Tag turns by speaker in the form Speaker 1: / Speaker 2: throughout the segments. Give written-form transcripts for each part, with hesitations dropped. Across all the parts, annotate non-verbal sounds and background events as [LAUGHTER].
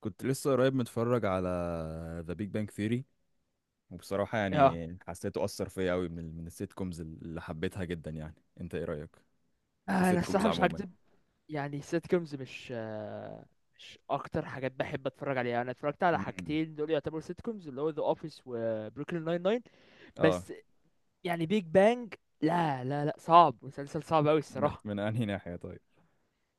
Speaker 1: كنت لسه قريب متفرج على ذا بيج بانج ثيري، وبصراحة
Speaker 2: اه،
Speaker 1: يعني حسيته أثر فيا أوي من السيت كومز اللي حبيتها جدا يعني. أنت إيه رأيك في
Speaker 2: انا
Speaker 1: سيت كومز
Speaker 2: الصراحه مش
Speaker 1: عموما؟
Speaker 2: هكدب. يعني السيت كومز مش اكتر حاجات بحب اتفرج عليها. انا اتفرجت على
Speaker 1: امم،
Speaker 2: حاجتين دول يعتبروا سيت كومز، اللي هو ذا اوفيس وبروكلين ناين ناين.
Speaker 1: اه،
Speaker 2: بس يعني بيج بانج، لا لا لا، صعب، مسلسل صعب قوي الصراحه.
Speaker 1: من انهي ناحية؟ طيب.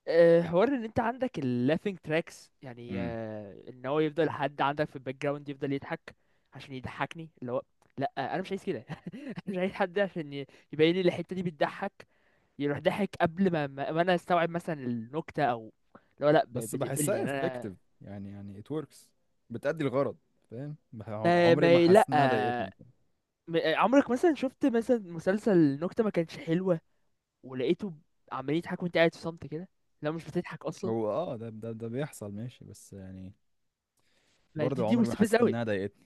Speaker 2: حوار ان انت عندك اللافينج تراكس، يعني
Speaker 1: امم
Speaker 2: ان هو يفضل حد عندك في الباك جراوند يفضل يضحك عشان يضحكني. اللي هو لا، انا مش عايز كده. [LAUGHS] انا مش عايز حد عشان يبين لي الحته دي بتضحك، يروح ضحك قبل ما انا استوعب مثلا النكته، او لو لا
Speaker 1: بس
Speaker 2: بتقفلني
Speaker 1: بحسها
Speaker 2: يعني انا.
Speaker 1: effective، يعني it works، بتأدي الغرض. فاهم،
Speaker 2: ما
Speaker 1: عمري ما
Speaker 2: ما
Speaker 1: حسيت انها ضايقتني.
Speaker 2: لا، عمرك مثلا شفت مثلا مسلسل نكته ما كانش حلوه، ولقيته عمال يضحك وانت قاعد في صمت كده؟ لا مش بتضحك اصلا.
Speaker 1: هو، اه، ده بيحصل ماشي، بس يعني
Speaker 2: ما دي
Speaker 1: برضه
Speaker 2: دي
Speaker 1: عمري ما
Speaker 2: مستفزه
Speaker 1: حسيت
Speaker 2: قوي.
Speaker 1: انها ضايقتني.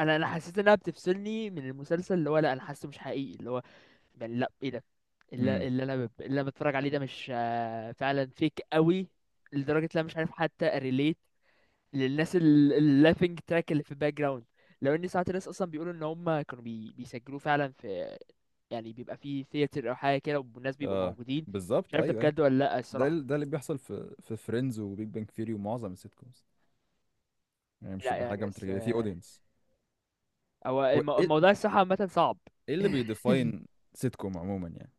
Speaker 2: انا حسيت انها بتفصلني من المسلسل، اللي هو لا انا حاسه مش حقيقي. اللي هو يعني لا ايه ده،
Speaker 1: امم،
Speaker 2: اللي انا بتفرج عليه ده مش فعلا فيك قوي، لدرجه لا مش عارف حتى relate للناس اللابينج تراك اللي في الباك جراوند. لو ان ساعات الناس اصلا بيقولوا ان هم كانوا بيسجلوه فعلا، في، يعني بيبقى في ثياتر او حاجه كده والناس بيبقوا
Speaker 1: اه،
Speaker 2: موجودين. مش
Speaker 1: بالظبط،
Speaker 2: عارف ده
Speaker 1: ايوه، ايوه.
Speaker 2: بجد ولا لا الصراحه.
Speaker 1: ده اللي بيحصل في فريندز وبيج بانج ثيري ومعظم السيت كومز. يعني مش
Speaker 2: لا
Speaker 1: تبقى حاجه
Speaker 2: يعني بس،
Speaker 1: متركبه في اودينس.
Speaker 2: هو
Speaker 1: هو ايه،
Speaker 2: الموضوع الصراحه عامه صعب.
Speaker 1: إيه اللي بيديفاين
Speaker 2: [LAUGHS]
Speaker 1: سيت كوم عموما يعني؟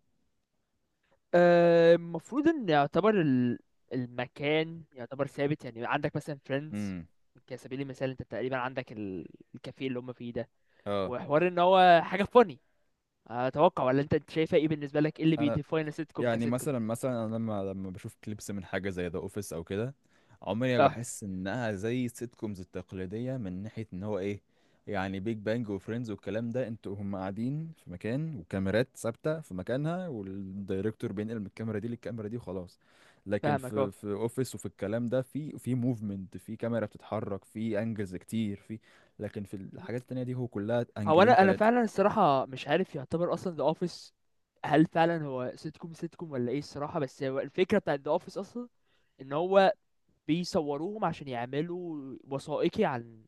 Speaker 2: المفروض ان يعتبر المكان يعتبر ثابت. يعني عندك مثلا فريندز
Speaker 1: امم،
Speaker 2: كسبيل المثال، انت تقريبا عندك الكافيه اللي هم فيه ده،
Speaker 1: اه،
Speaker 2: وحوار ان هو حاجه فوني، اتوقع. ولا انت شايفه، ايه بالنسبه لك ايه اللي
Speaker 1: انا
Speaker 2: بيديفاين السيت كوم
Speaker 1: يعني
Speaker 2: كسيت كوم؟
Speaker 1: مثلا انا لما بشوف كليبس من حاجه زي ذا اوفيس او كده، عمري ما
Speaker 2: اه،
Speaker 1: بحس انها زي السيت كومز التقليديه، من ناحيه ان هو ايه. يعني بيج بانج وفريندز والكلام ده انتوا هم قاعدين في مكان، وكاميرات ثابته في مكانها، والدايركتور بينقل من الكاميرا دي للكاميرا دي وخلاص. لكن
Speaker 2: فاهمك.
Speaker 1: في
Speaker 2: اه،
Speaker 1: في اوفيس وفي الكلام ده، في موفمنت، في كاميرا بتتحرك، في انجلز كتير، في. لكن في الحاجات التانية دي هو كلها
Speaker 2: هو
Speaker 1: انجلين
Speaker 2: انا
Speaker 1: تلاتة.
Speaker 2: فعلا الصراحه مش عارف يعتبر اصلا ذا اوفيس هل فعلا هو سيت كوم سيت كوم ولا ايه الصراحه، بس هو الفكره بتاعت ذا اوفيس اصلا ان هو بيصوروهم عشان يعملوا وثائقي عن،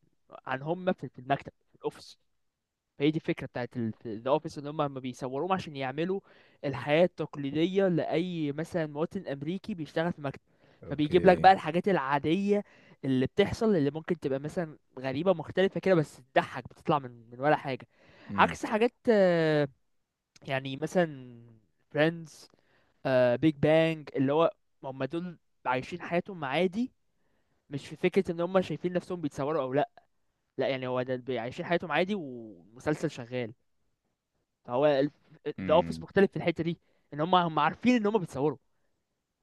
Speaker 2: عن هم في المكتب في الاوفيس. فهي دي الفكره بتاعت ذا اوفيس، ان هم ما بيصوروهم عشان يعملوا الحياه التقليديه لاي مثلا مواطن امريكي بيشتغل في مكتب. فبيجيب لك
Speaker 1: اوكي.
Speaker 2: بقى الحاجات العاديه اللي بتحصل، اللي ممكن تبقى مثلا غريبه مختلفه كده، بس تضحك، بتطلع من ولا حاجه. عكس حاجات يعني مثلا فريندز، بيج بانج، اللي هو هم دول عايشين حياتهم عادي، مش في فكرة ان هم شايفين نفسهم بيتصوروا او لا. لا يعني هو ده عايشين حياتهم عادي ومسلسل شغال. هو ذا اوفيس
Speaker 1: امم
Speaker 2: مختلف في الحته دي، ان هم، عارفين ان هم بيتصوروا.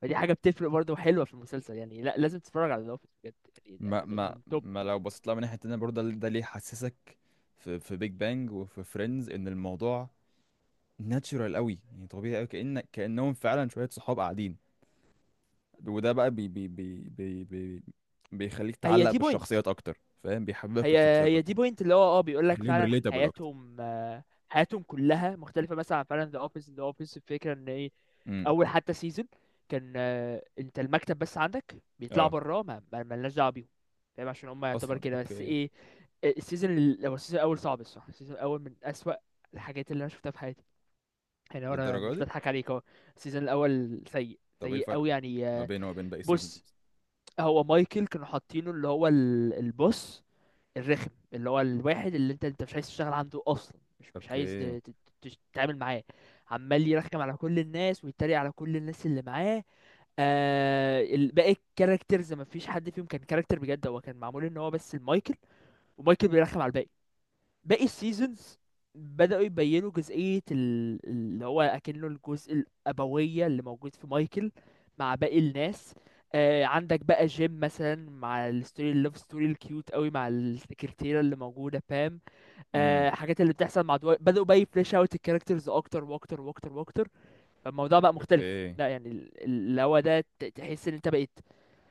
Speaker 2: فدي حاجه بتفرق برضه حلوه في المسلسل. يعني لا، لازم تتفرج على ذا اوفيس بجد.
Speaker 1: ما
Speaker 2: يعني ده
Speaker 1: ما
Speaker 2: من توب.
Speaker 1: ما لو بصيت لها من ناحيه تانية برضه، ده ليه حسسك في بيج بانج وفي فريندز ان الموضوع ناتشورال قوي، يعني طبيعي قوي، كأنهم فعلا شويه صحاب قاعدين، وده بقى بي بي بي بي بي بيخليك
Speaker 2: هي
Speaker 1: تعلق
Speaker 2: دي بوينت
Speaker 1: بالشخصيات اكتر، فاهم، بيحببك في
Speaker 2: هي
Speaker 1: الشخصيات
Speaker 2: هي دي
Speaker 1: اكتر،
Speaker 2: بوينت، اللي هو اه بيقول لك
Speaker 1: خليهم
Speaker 2: فعلا
Speaker 1: ريليتابل اكتر.
Speaker 2: حياتهم حياتهم كلها مختلفة مثلا عن فعلا ذا اوفيس. ذا اوفيس الفكرة ان ايه؟
Speaker 1: امم،
Speaker 2: اول حتى سيزون كان انت المكتب بس عندك، بيطلعوا
Speaker 1: اه،
Speaker 2: براه، مالناش دعوه بيهم. فاهم، عشان هم يعتبر
Speaker 1: اصلا
Speaker 2: كده. بس
Speaker 1: اوكي،
Speaker 2: ايه، هو السيزون الاول صعب الصراحه. السيزون الاول من اسوأ الحاجات اللي انا شفتها في حياتي يعني. هو انا
Speaker 1: للدرجه
Speaker 2: مش
Speaker 1: دي؟
Speaker 2: بضحك عليك، اهو السيزون الاول سيء
Speaker 1: طب ايه
Speaker 2: سيء
Speaker 1: الفرق
Speaker 2: قوي، يعني
Speaker 1: ما بينه وما بين باقي
Speaker 2: بص.
Speaker 1: سيزونز؟
Speaker 2: هو مايكل كانوا حاطينه اللي هو البوس الرخم، اللي هو الواحد اللي انت مش عايز تشتغل عنده اصلا، مش عايز
Speaker 1: اوكي.
Speaker 2: تتعامل معاه. عمال يرخم على كل الناس ويتريق على كل الناس اللي معاه. باقي الكاركترز ما فيش حد فيهم كان كاركتر بجد، هو كان معمول ان هو بس المايكل، ومايكل بيرخم على الباقي. باقي السيزونز بدأوا يبينوا جزئية اللي هو أكنه الجزء الأبوية اللي موجود في مايكل مع باقي الناس. عندك بقى جيم مثلا مع الستوري، اللوف ستوري الكيوت قوي مع السكرتيرة اللي موجودة بام.
Speaker 1: امم
Speaker 2: حاجات اللي بتحصل مع دواي. بدأوا بقى يفليش اوت الكاركترز أكتر وأكتر وأكتر وأكتر. فالموضوع بقى مختلف.
Speaker 1: اوكي،
Speaker 2: لا يعني اللي هو ده تحس إن أنت بقيت.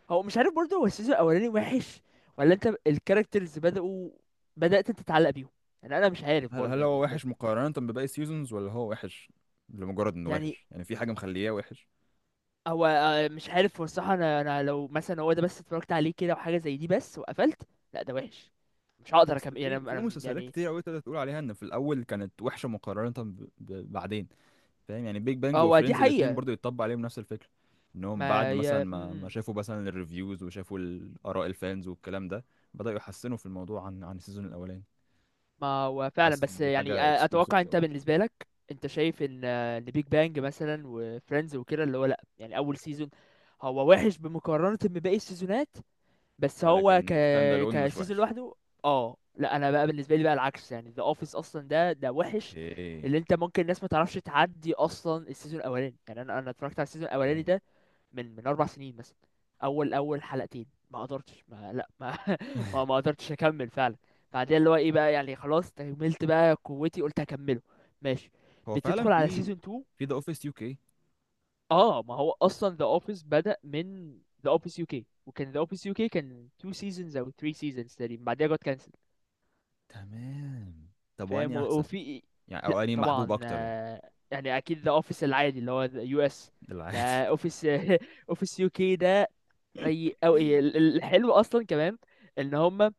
Speaker 2: هو مش عارف برضه، هو السيزون الاولاني وحش ولا انت الكاركترز بدأت انت تتعلق بيهم. يعني انا مش عارف
Speaker 1: هل
Speaker 2: برضه،
Speaker 1: هل
Speaker 2: يعني
Speaker 1: هو
Speaker 2: انت.
Speaker 1: وحش مقارنة بباقي السيزونز، ولا هو وحش لمجرد انه
Speaker 2: يعني
Speaker 1: وحش؟ يعني في حاجة مخلياه وحش؟
Speaker 2: هو مش عارف هو الصراحة، انا لو مثلا هو ده بس اتفرجت عليه كده وحاجة زي دي بس وقفلت، لا ده وحش، مش هقدر
Speaker 1: اصل
Speaker 2: اكمل يعني.
Speaker 1: في في مسلسلات
Speaker 2: يعني
Speaker 1: كتير قوي تقدر تقول عليها ان في الاول كانت وحشة مقارنة بعدين، فاهم؟ يعني بيج بانج
Speaker 2: هو دي
Speaker 1: وفريندز الاتنين
Speaker 2: حقيقة.
Speaker 1: برضو يتطبق عليهم نفس الفكرة، انهم بعد
Speaker 2: ما
Speaker 1: مثلا
Speaker 2: ي... م-
Speaker 1: ما
Speaker 2: م.
Speaker 1: شافوا مثلا الريفيوز وشافوا الاراء الفانز والكلام ده بدأوا يحسنوا في الموضوع عن السيزون الاولاني.
Speaker 2: ما هو فعلا،
Speaker 1: حاسس ان
Speaker 2: بس
Speaker 1: دي
Speaker 2: يعني
Speaker 1: حاجة اكسكلوسيف
Speaker 2: اتوقع انت
Speaker 1: قوي،
Speaker 2: بالنسبة لك انت شايف ان ان بيج بانج مثلا وفريندز وكده اللي هو، لا يعني اول سيزون هو وحش بمقارنة بباقي السيزونات، بس هو
Speaker 1: ولكن ستاند الون مش
Speaker 2: كسيزون
Speaker 1: وحش.
Speaker 2: لوحده. اه. لا انا بقى بالنسبه لي بقى العكس. يعني ذا اوفيس اصلا ده، وحش.
Speaker 1: اوكي،
Speaker 2: اللي انت، ممكن الناس ما تعرفش تعدي اصلا السيزون الاولاني. يعني انا اتفرجت على السيزون الاولاني
Speaker 1: تمام.
Speaker 2: ده من 4 سنين مثلا. اول حلقتين، ما قدرتش ما لا ما [LAUGHS] ما,
Speaker 1: [LAUGHS]
Speaker 2: ما قدرتش اكمل فعلا. بعدين اللي هو ايه بقى، يعني خلاص تكملت، بقى قوتي قلت هكمله، ماشي،
Speaker 1: هو فعلا
Speaker 2: بتدخل على
Speaker 1: في
Speaker 2: سيزون 2.
Speaker 1: في ذا اوفيس يو كي.
Speaker 2: اه، ما هو اصلا ذا اوفيس بدأ من ذا اوفيس يو كي، وكان ذا اوفيس يو كي كان 2 سيزونز او 3 سيزونز تقريبا، بعدها جت كانسل.
Speaker 1: تمام. طب
Speaker 2: فاهم،
Speaker 1: واني احسن
Speaker 2: وفي.
Speaker 1: يعني، او
Speaker 2: لا
Speaker 1: اني محبوب
Speaker 2: طبعا
Speaker 1: اكتر يعني؟
Speaker 2: يعني اكيد ذا اوفيس العادي اللي هو يو اس
Speaker 1: [LAUGHS]
Speaker 2: ده،
Speaker 1: العادي.
Speaker 2: اوفيس. اوفيس يو كي [LAUGHS] ده سيء. او الحلو اصلا كمان ان هم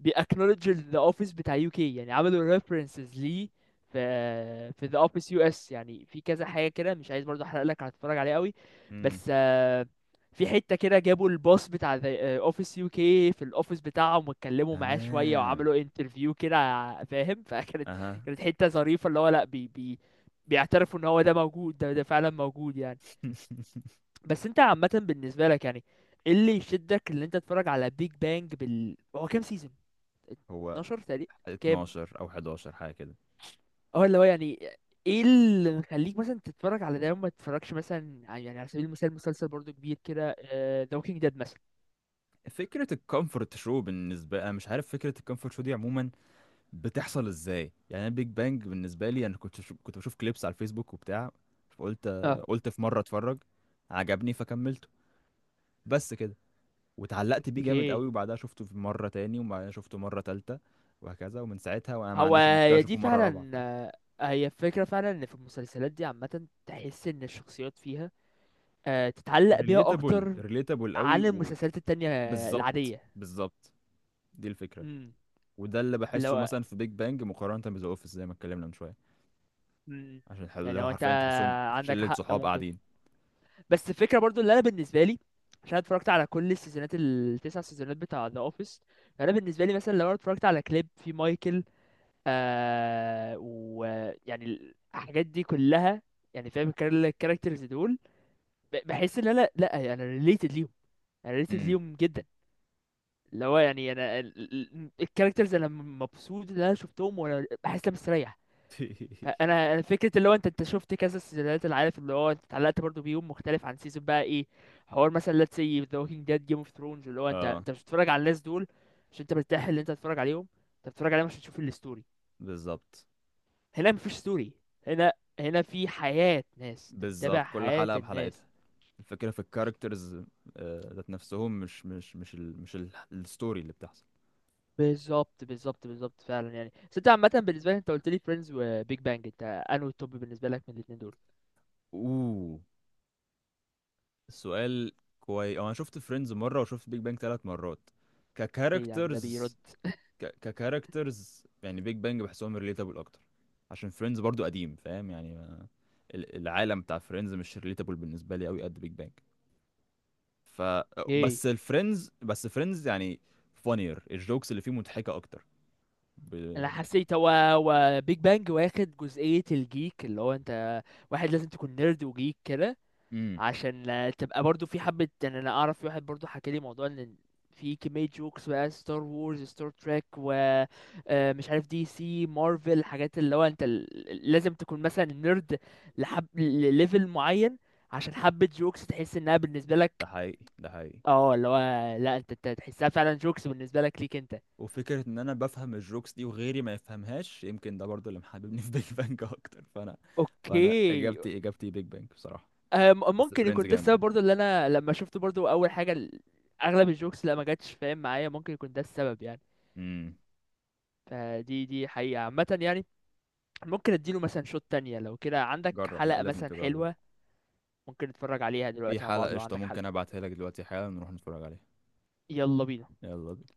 Speaker 2: بيأكنولج ذا اوفيس بتاع يو كي، يعني عملوا ريفرنسز ليه في ذا اوفيس يو اس. يعني في كذا حاجه كده، مش عايز برضه احرق لك، هتتفرج عليه قوي،
Speaker 1: امم.
Speaker 2: بس في حته كده جابوا الباص بتاع ذا اوفيس يو كي في الاوفيس بتاعهم، واتكلموا معاه شويه
Speaker 1: تمام.
Speaker 2: وعملوا انترفيو كده. فاهم. [LAUGHS]
Speaker 1: اها.
Speaker 2: كانت حته ظريفه، اللي هو لا، بي بي بيعترفوا ان هو ده موجود، ده فعلا موجود يعني.
Speaker 1: [LAUGHS]
Speaker 2: بس انت عامه بالنسبه لك يعني ايه اللي يشدك اللي انت تتفرج على بيج بانج؟ بال هو كام سيزون،
Speaker 1: هو
Speaker 2: 12 تقريبا؟ كام؟
Speaker 1: 12 او 11 حاجه كده.
Speaker 2: اه، اللي هو يعني ايه اللي مخليك مثلا تتفرج على ده وما تتفرجش مثلا يعني على سبيل المثال مسلسل برضو كبير كده، ذا ووكينج ديد مثلا؟
Speaker 1: فكره الكومفورت شو بالنسبه، انا مش عارف فكره الكومفورت شو دي عموما بتحصل ازاي. يعني انا بيج بانج بالنسبه لي، انا كنت بشوف كليبس على الفيسبوك وبتاع، فقلت
Speaker 2: اه،
Speaker 1: قلت في مره اتفرج، عجبني فكملته، بس كده. واتعلقت بيه جامد
Speaker 2: اوكي.
Speaker 1: قوي، وبعدها شفته في مرة تاني، وبعدها شفته مرة تالتة، وهكذا، ومن ساعتها وانا ما
Speaker 2: هو
Speaker 1: عنديش مشكلة
Speaker 2: هي دي
Speaker 1: اشوفه مرة رابعة.
Speaker 2: فعلا
Speaker 1: فاهم؟
Speaker 2: هي الفكرة فعلا ان في المسلسلات دي عامة تحس ان الشخصيات فيها تتعلق بيها
Speaker 1: ريليتابل،
Speaker 2: اكتر
Speaker 1: ريليتابل قوي.
Speaker 2: عن المسلسلات التانية
Speaker 1: وبالظبط،
Speaker 2: العادية.
Speaker 1: بالظبط. دي الفكرة.
Speaker 2: امم.
Speaker 1: وده اللي بحسه
Speaker 2: لو،
Speaker 1: مثلا في بيج بانج مقارنة بذا اوفيس زي ما اتكلمنا من شوية،
Speaker 2: امم،
Speaker 1: عشان
Speaker 2: يعني
Speaker 1: لو
Speaker 2: لو انت،
Speaker 1: حرفيا تحسهم
Speaker 2: عندك
Speaker 1: شلة
Speaker 2: حق
Speaker 1: صحاب
Speaker 2: ممكن.
Speaker 1: قاعدين.
Speaker 2: بس الفكره برضو اللي انا بالنسبه لي، عشان أنا اتفرجت على كل السيزونات التسع سيزونات بتاع ذا اوفيس، انا بالنسبه لي مثلا لو انا اتفرجت على كليب في مايكل ويعني الحاجات دي كلها، يعني فاهم الكاركترز دول، بحس ان انا لا يعني انا ريليتد ليهم، انا ريليتد
Speaker 1: امم.
Speaker 2: ليهم جدا. اللي هو يعني انا الكاركترز، انا مبسوط ان انا شفتهم، وانا بحس ان انا مستريح.
Speaker 1: [LAUGHS]
Speaker 2: انا فكره اللي هو انت، شفت كذا سيزونات، اللي عارف اللي هو انت اتعلقت برضو بيهم مختلف عن سيزون بقى، ايه؟ حوار مثلا let's say The Walking Dead, Game of Thrones، اللي هو انت،
Speaker 1: اه.
Speaker 2: مش بتتفرج على الناس دول عشان انت مرتاح اللي انت تتفرج عليهم، انت بتتفرج عليهم عشان تشوف الستوري.
Speaker 1: بالظبط،
Speaker 2: هنا مفيش ستوري. هنا، هنا في حياه ناس، انت متابع
Speaker 1: بالظبط، كل
Speaker 2: حياه
Speaker 1: حلقة
Speaker 2: الناس.
Speaker 1: بحلقتها. الفكرة في الكاركترز، ذات نفسهم، مش الستوري اللي بتحصل.
Speaker 2: بالظبط بالظبط بالظبط فعلا يعني. بس انت عامه بالنسبه لي، انت قلت لي فريندز وبيج بانج، انت انهي التوب بالنسبه لك من الاثنين دول؟
Speaker 1: اوه، السؤال كويس. انا شفت فريندز مره، وشفت بيج بانج ثلاث مرات.
Speaker 2: ايه يعني ده بيرد؟
Speaker 1: ككاركترز، ككاركترز يعني بيج بانج بحسهم ريليتابل اكتر، عشان فريندز برضو قديم، فاهم يعني، العالم بتاع فريندز مش ريليتابل بالنسبه لي قوي قد بيج بانج. ف،
Speaker 2: ايه،
Speaker 1: بس الفريندز، بس فريندز يعني فانير الجوكس اللي فيه مضحكه اكتر ب...
Speaker 2: انا حسيت هو وبيج بانج واخد جزئية الجيك اللي هو انت، واحد لازم تكون نيرد وجيك كده
Speaker 1: امم
Speaker 2: عشان تبقى برضو في حبة. يعني انا اعرف في واحد برضو حكى لي موضوع ان في كمية جوكس بقى ستار وورز، ستار تريك، و مش عارف دي سي، مارفل، حاجات اللي هو انت لازم تكون مثلا نيرد لحب لليفل معين عشان حبة جوكس تحس انها بالنسبة
Speaker 1: ده
Speaker 2: لك.
Speaker 1: حقيقي، ده حقيقي.
Speaker 2: اه، اللي هو لا، انت أنت تحسها فعلا جوكس بالنسبة لك، ليك انت.
Speaker 1: وفكرة إن أنا بفهم الجوكس دي وغيري ما يفهمهاش يمكن ده برضو اللي محببني في بيج بانج [LAUGHS] أكتر، فأنا، فأنا
Speaker 2: اوكي.
Speaker 1: إجابتي بيج بانج بصراحة. بس
Speaker 2: ممكن
Speaker 1: فريندز
Speaker 2: يكون ده
Speaker 1: جامد
Speaker 2: السبب
Speaker 1: برضو.
Speaker 2: برضو، اللي انا لما شفت برضو اول حاجه اغلب الجوكس، لا، ما جاتش فاهم معايا. ممكن يكون ده السبب يعني.
Speaker 1: امم
Speaker 2: فدي حقيقه عامه يعني. ممكن اديله مثلا شوت تانية، لو كده عندك
Speaker 1: جرب، لا،
Speaker 2: حلقه
Speaker 1: لازم
Speaker 2: مثلا
Speaker 1: تجرب.
Speaker 2: حلوه. ممكن نتفرج عليها
Speaker 1: في
Speaker 2: دلوقتي مع بعض،
Speaker 1: حلقة
Speaker 2: لو
Speaker 1: قشطة،
Speaker 2: عندك
Speaker 1: ممكن
Speaker 2: حلقه.
Speaker 1: أبعتها لك دلوقتي حالا نروح نتفرج عليها.
Speaker 2: يلا بينا.
Speaker 1: يلا بينا.